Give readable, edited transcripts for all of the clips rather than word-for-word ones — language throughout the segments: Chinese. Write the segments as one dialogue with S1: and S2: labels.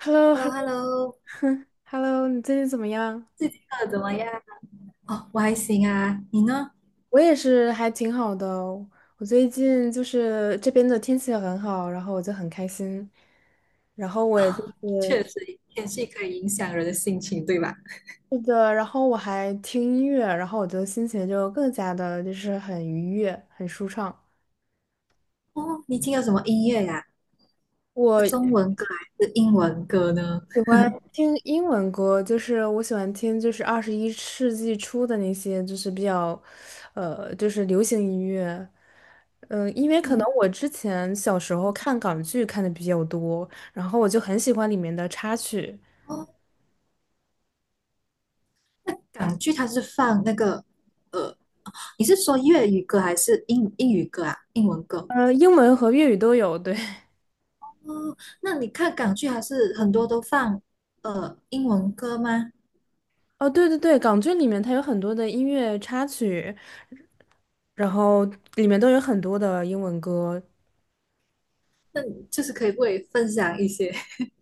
S1: h e l l o
S2: h e l l
S1: h
S2: o
S1: e l
S2: h
S1: l
S2: e l l
S1: o
S2: o
S1: 哼，Hello，你最近怎么样？
S2: 最近过得怎么样？哦，我还行啊，你呢？
S1: 我也是，还挺好的哦。我最近就是这边的天气很好，然后我就很开心。然后 我也就
S2: 哦，
S1: 是，
S2: 确实，天气可以影响人的心情，对吧？
S1: 是的，然后我还听音乐，然后我就心情就更加的就是很愉悦，很舒畅。
S2: 哦，你听了什么音乐呀、是中
S1: 我
S2: 文歌还是英文歌呢？
S1: 喜欢听英文歌，就是我喜欢听就是二十一世纪初的那些，就是比较，就是流行音乐。因为可
S2: 嗯，
S1: 能我之前小时候看港剧看的比较多，然后我就很喜欢里面的插曲，
S2: 哦，那港剧它是放那个，呃，你是说粤语歌还是英语歌啊？英文歌？
S1: 英文和粤语都有。对，
S2: 哦，那你看港剧还是很多都放英文歌吗？
S1: 哦，对对对，港剧里面它有很多的音乐插曲，然后里面都有很多的英文歌。
S2: 那你就是可以不可以分享一些？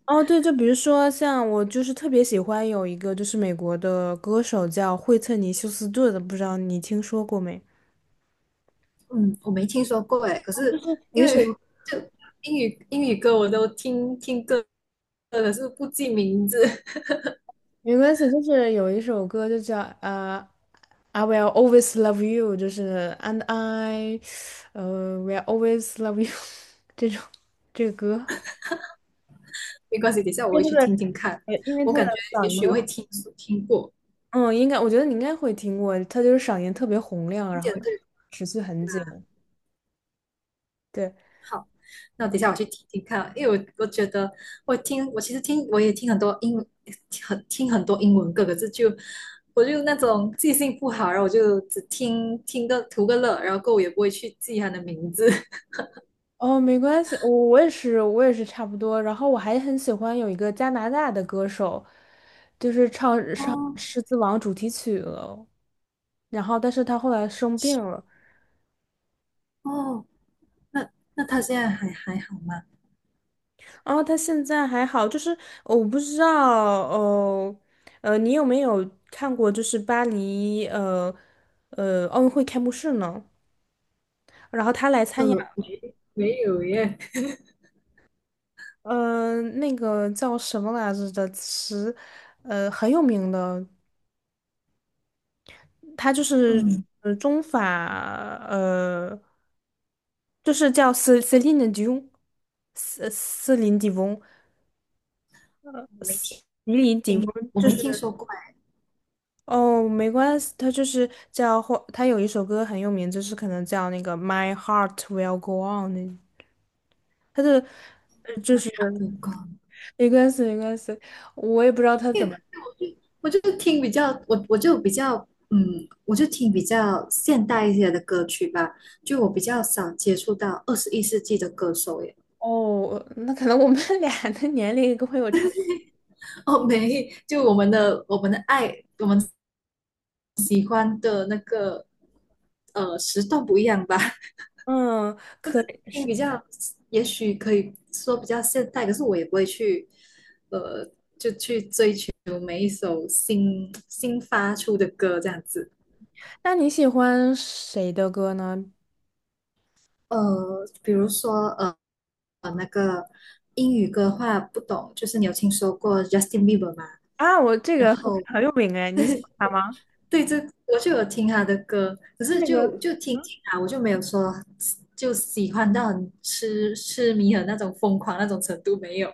S1: 哦，对，就比如说像我就是特别喜欢有一个就是美国的歌手叫惠特尼休斯顿的，不知道你听说过没？
S2: 嗯，我没听说过诶，可是因为就英语歌我都听听歌，可是不记名字。
S1: 没关系，就是有一首歌就叫I will always love you，就是 And I，will always love you 这种这个歌，
S2: 没关系，等一下我
S1: 因
S2: 会
S1: 为
S2: 去
S1: 他的
S2: 听听看。
S1: 因为
S2: 我
S1: 它
S2: 感觉
S1: 的
S2: 也
S1: 嗓
S2: 许我会
S1: 音，
S2: 听过，
S1: 嗯，应该我觉得你应该会听过，他就是嗓音特别洪亮，
S2: 听
S1: 然后
S2: 见对。
S1: 持续很久，对。
S2: 好，那等一下我去听听看，因为我觉得我也听很多英文歌，可是就我就那种记性不好，然后我就只听听个图个乐，然后过后我也不会去记它的名字。
S1: 哦，没关系，我也是，我也是差不多。然后我还很喜欢有一个加拿大的歌手，就是唱唱
S2: 哦
S1: 《狮子王》主题曲了。然后，但是他后来生病了。
S2: 哦，那那他现在还好吗？
S1: 然后他现在还好，就是我不知道。哦，你有没有看过就是巴黎奥运会开幕式呢？然后他来参加，
S2: 没有耶。
S1: 那个叫什么来着的词，很有名的。它就是
S2: 嗯，
S1: 中法呃，就是叫 Celine Dion，斯斯林迪翁，
S2: 我没
S1: 迪林迪翁
S2: 我
S1: 就
S2: 没听
S1: 是。
S2: 说过哎。
S1: 哦，没关系，它就是叫或它有一首歌很有名，就是可能叫那个 My Heart Will Go On 那，它的就是。
S2: 有关。
S1: 没关系没关系，我也不知道它怎么。
S2: 我就我就听比较，我就比较，嗯，我就听比较现代一些的歌曲吧，就我比较少接触到21世纪的歌手耶。
S1: 哦，那可能我们 俩的年龄会有差，
S2: 哦，没，就我们的爱，我们喜欢的那个，时段不一样吧。
S1: 嗯，可以
S2: 听
S1: 是。
S2: 比较，也许可以说比较现代，可是我也不会去，呃，每一首新发出的歌这样子。
S1: 那你喜欢谁的歌呢？
S2: 比如说那个英语歌的话不懂，就是你有听说过 Justin Bieber 吗？
S1: 啊，我这
S2: 然
S1: 个很
S2: 后
S1: 很有名哎，你喜欢他吗？
S2: 对，这我就有听他的歌，可
S1: 是
S2: 是
S1: 那个，
S2: 就听
S1: 嗯
S2: 听啊，我就没有说就喜欢到很痴迷的那种疯狂那种程度没有。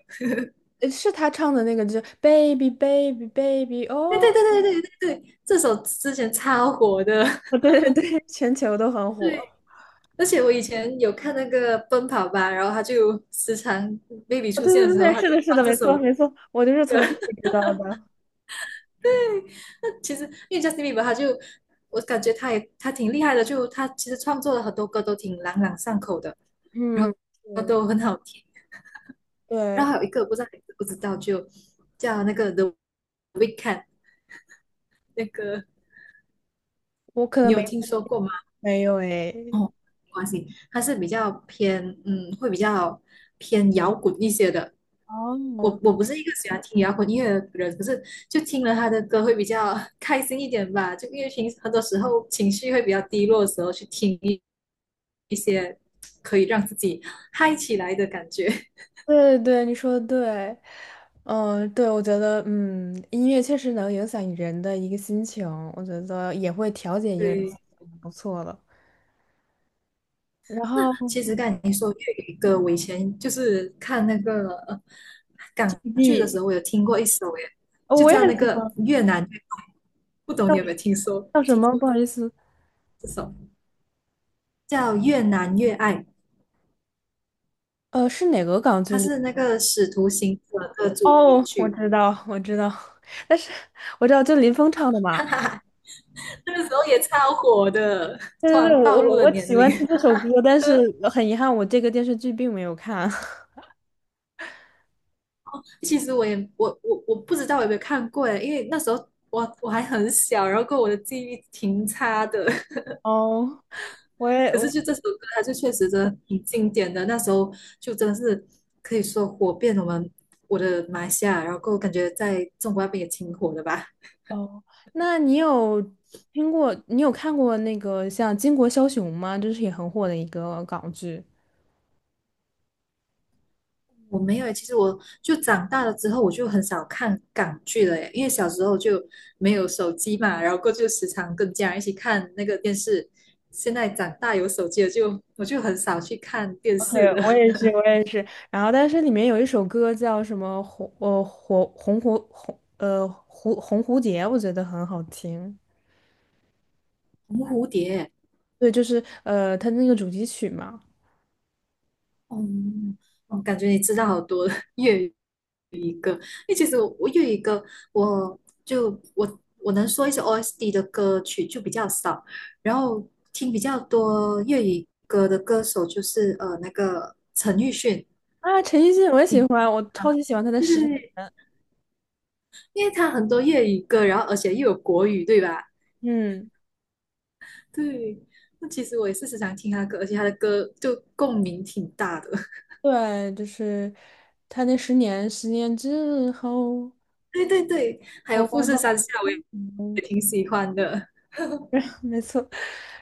S1: 是他唱的那个，就是 Baby Baby Baby
S2: 对
S1: 哦。
S2: 对对对对对对，这首之前超火的。
S1: 哦对对对，全球都很 火。
S2: 对，而且我以前有看那个《奔跑吧》，然后他就时常 baby
S1: 哦，
S2: 出
S1: 对
S2: 现
S1: 对
S2: 的
S1: 对，
S2: 时候，
S1: 对，
S2: 他就
S1: 是
S2: 会
S1: 的，是
S2: 放
S1: 的，
S2: 这
S1: 没错
S2: 首。
S1: 没错，我就是从这里知道的。
S2: 那其实因为 Justin Bieber，我感觉他挺厉害的，就他其实创作了很多歌都挺朗朗上口的，然
S1: 嗯，
S2: 后
S1: 是
S2: 都很好听。然
S1: 对，
S2: 后还有一个我不知道你知不知道，就叫那个 The 那个，
S1: 我可
S2: 你
S1: 能没
S2: 有听说过吗？
S1: 没有哎。
S2: 哦，没关系，他是比较偏嗯，会比较偏摇滚一些的。
S1: 哦，
S2: 我不是一个喜欢听摇滚音乐的人，可是就听了他的歌会比较 开心一点吧。就因为平时很多时候情绪会比较低落的时候，去听一些可以让自己 嗨起来的感觉。
S1: 对对对，你说的对。嗯，对，我觉得，音乐确实能影响人的一个心情，我觉得也会调节一个人心
S2: 对，
S1: 情不错的。然
S2: 那
S1: 后
S2: 其实刚才你说粤语歌，我以前就是看那个港剧的
S1: GB，
S2: 时候，我有听过一首耶，
S1: 哦
S2: 就
S1: 我也
S2: 叫
S1: 很
S2: 那
S1: 喜
S2: 个
S1: 欢。
S2: 越南越爱，不懂你有没有听说
S1: 叫什
S2: 听
S1: 么？
S2: 过
S1: 不好意思，
S2: 这首叫《越南越爱》，
S1: 是哪个港剧
S2: 它
S1: 里？
S2: 是那个《使徒行者》的主题
S1: 哦，我
S2: 曲。
S1: 知道，我知道。但是我知道就林峰唱的嘛。
S2: 那个时候也超火的，
S1: 对
S2: 突
S1: 对对，
S2: 然暴
S1: 我我
S2: 露了
S1: 我
S2: 年
S1: 喜欢
S2: 龄。
S1: 听这首歌，但是很遗憾，我这个电视剧并没有看。
S2: 其实我不知道我有没有看过耶，因为那时候我还很小，然后跟我的记忆挺差的。
S1: 哦，我也
S2: 可
S1: 我
S2: 是就这首歌，它就确实真的挺经典的。那时候就真的是可以说火遍我的马来西亚，然后感觉在中国那边也挺火的吧。
S1: 哦，那你有看过那个像《巾帼枭雄》吗？这是也很火的一个港剧。
S2: 我没有欸，其实我就长大了之后，我就很少看港剧了耶，因为小时候就没有手机嘛，然后过就时常跟家人一起看那个电视。现在长大有手机了就，我就很少去看电视
S1: 对，
S2: 了。
S1: 我也 是，我也是。然后，但是里面有一首歌叫什么红呃火红蝴红呃蝴红蝴蝶，我觉得很好听。
S2: 红蝴蝶。
S1: 对，就是他那个主题曲嘛。
S2: 哦，我感觉你知道好多 粤语歌，因为其实我粤语歌，我就我我能说一些 OSD 的歌曲就比较少，然后听比较多粤语歌的歌手就是那个陈奕迅。
S1: 啊，陈奕迅我也喜
S2: 嗯
S1: 欢，我超
S2: 啊，
S1: 级喜欢他的
S2: 对
S1: 《十
S2: 对
S1: 年》。
S2: 对，因为他很多粤语歌，然后而且又有国语，对吧？
S1: 嗯，
S2: 对，那其实我也是时常听他的歌，而且他的歌就共鸣挺大的。
S1: 对，就是他那《十年》，十年之后，
S2: 对对对，还有富
S1: 我们
S2: 士山下我也
S1: 嗯
S2: 也挺喜欢的，
S1: 没错。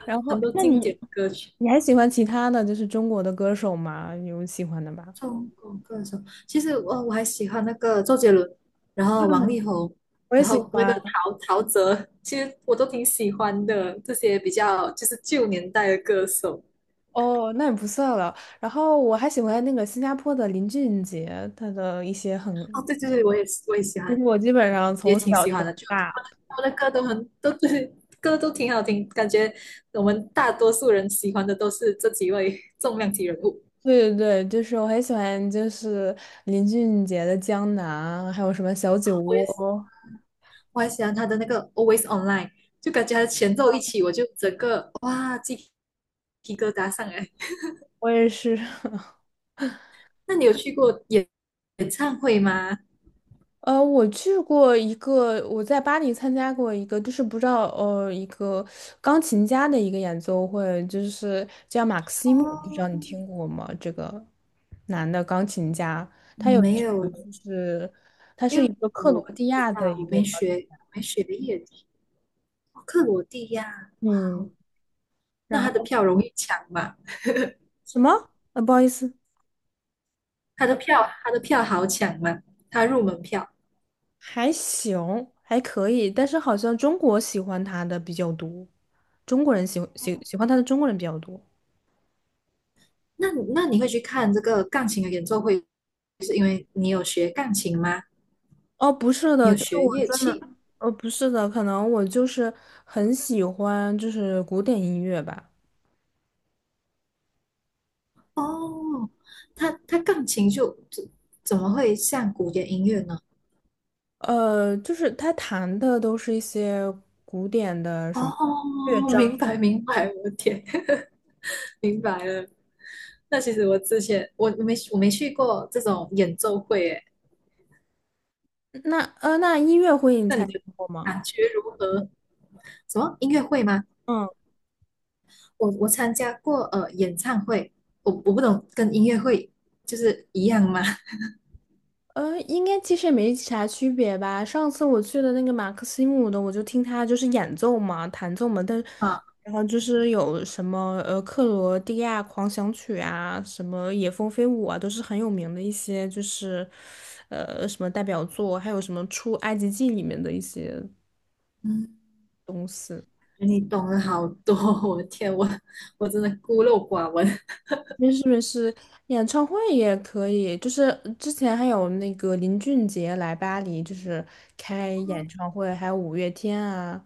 S1: 然后，
S2: 很多
S1: 那你
S2: 经典歌曲。
S1: 你还喜欢其他的就是中国的歌手吗？有喜欢的吗？
S2: 中国歌手，其实我还喜欢那个周杰伦，然后王
S1: 嗯，
S2: 力宏，
S1: 我也
S2: 然
S1: 喜
S2: 后那个
S1: 欢。
S2: 陶喆，其实我都挺喜欢的。这些比较就是旧年代的歌手。
S1: 哦，那也不算了。然后我还喜欢那个新加坡的林俊杰，他的一些
S2: 哦，
S1: 很，
S2: 对对对，我也喜
S1: 就
S2: 欢，
S1: 是我基本上
S2: 也
S1: 从
S2: 挺
S1: 小
S2: 喜
S1: 听
S2: 欢
S1: 到
S2: 的。就
S1: 大。
S2: 他们的歌都很，都对，歌都挺好听，感觉我们大多数人喜欢的都是这几位重量级人物。
S1: 对对对，就是我很喜欢，就是林俊杰的《江南》，还有什么《小酒
S2: 我
S1: 窝》，
S2: 也是。我还喜欢他的那个 Always Online，就感觉他的前奏一起，我就整个哇鸡皮疙瘩上来。
S1: 我也是。
S2: 那你有去过演唱会吗？
S1: 我去过一个，我在巴黎参加过一个，就是不知道一个钢琴家的一个演奏会，就是叫马克西姆，不知
S2: 哦，
S1: 道你听过吗？这个男的钢琴家，他有一
S2: 没
S1: 首
S2: 有，
S1: 就是是
S2: 因
S1: 一
S2: 为
S1: 个克
S2: 我
S1: 罗
S2: 不
S1: 地
S2: 知
S1: 亚的
S2: 道，
S1: 一个，
S2: 我没学乐理。哦，克罗地亚，哇
S1: 嗯，
S2: 哦，
S1: 然
S2: 那他的
S1: 后
S2: 票容易抢吗？
S1: 什么？不好意思，
S2: 他的票好抢吗？他入门票。
S1: 还行，还可以，但是好像中国喜欢他的比较多，中国人喜
S2: 哦，
S1: 喜喜欢他的中国人比较多。
S2: 那你会去看这个钢琴的演奏会？你有学钢琴吗？
S1: 哦，不是
S2: 你
S1: 的，
S2: 有
S1: 就是
S2: 学
S1: 我
S2: 乐
S1: 真的，
S2: 器？
S1: 不是的，可能我就是很喜欢就是古典音乐吧，
S2: 哦，它钢琴就怎么会像古典音乐呢？
S1: 就是他弹的都是一些古典的什么。
S2: 哦，明白明白，我的天。明白了。那其实我之前我我没我没去过这种演奏会，诶，
S1: 那那音乐会你
S2: 那
S1: 参加过吗？
S2: 感觉如何？什么音乐会吗？
S1: 嗯。
S2: 我参加过演唱会，我不懂跟音乐会就是一样吗？
S1: 应该其实也没啥区别吧。上次我去的那个马克西姆的，我就听他就是演奏嘛，弹奏嘛，但
S2: 啊，
S1: 然后就是有什么克罗地亚狂想曲啊，什么野蜂飞舞啊，都是很有名的一些，就是什么代表作，还有什么出埃及记里面的一些
S2: 嗯，
S1: 东西。
S2: 你懂了好多，我的天，我真的孤陋寡闻。
S1: 没事没事，演唱会也可以，就是之前还有那个林俊杰来巴黎，就是开演 唱会，还有五月天啊。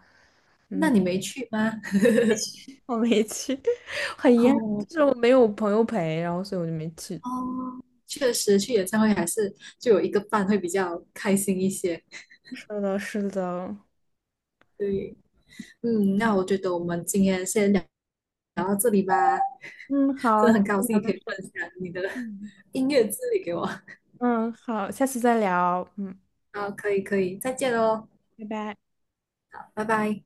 S2: 那
S1: 嗯。
S2: 你没去吗？
S1: 我没去，很 遗憾，就
S2: 哦
S1: 是我没有朋友陪，然后所以我就没去。
S2: 哦，确实去演唱会还是就有一个伴会比较开心一些。
S1: 是的，是的。
S2: 对，嗯，那我觉得我们今天先聊到这里吧，
S1: 嗯，
S2: 真
S1: 好，
S2: 的
S1: 聊
S2: 很高兴你
S1: 到
S2: 可以
S1: 这
S2: 分享你的
S1: 嗯，
S2: 音乐之旅给我。
S1: 嗯，好，下次再聊。嗯，
S2: 好，可以可以，再见喽，
S1: 拜拜。
S2: 拜拜。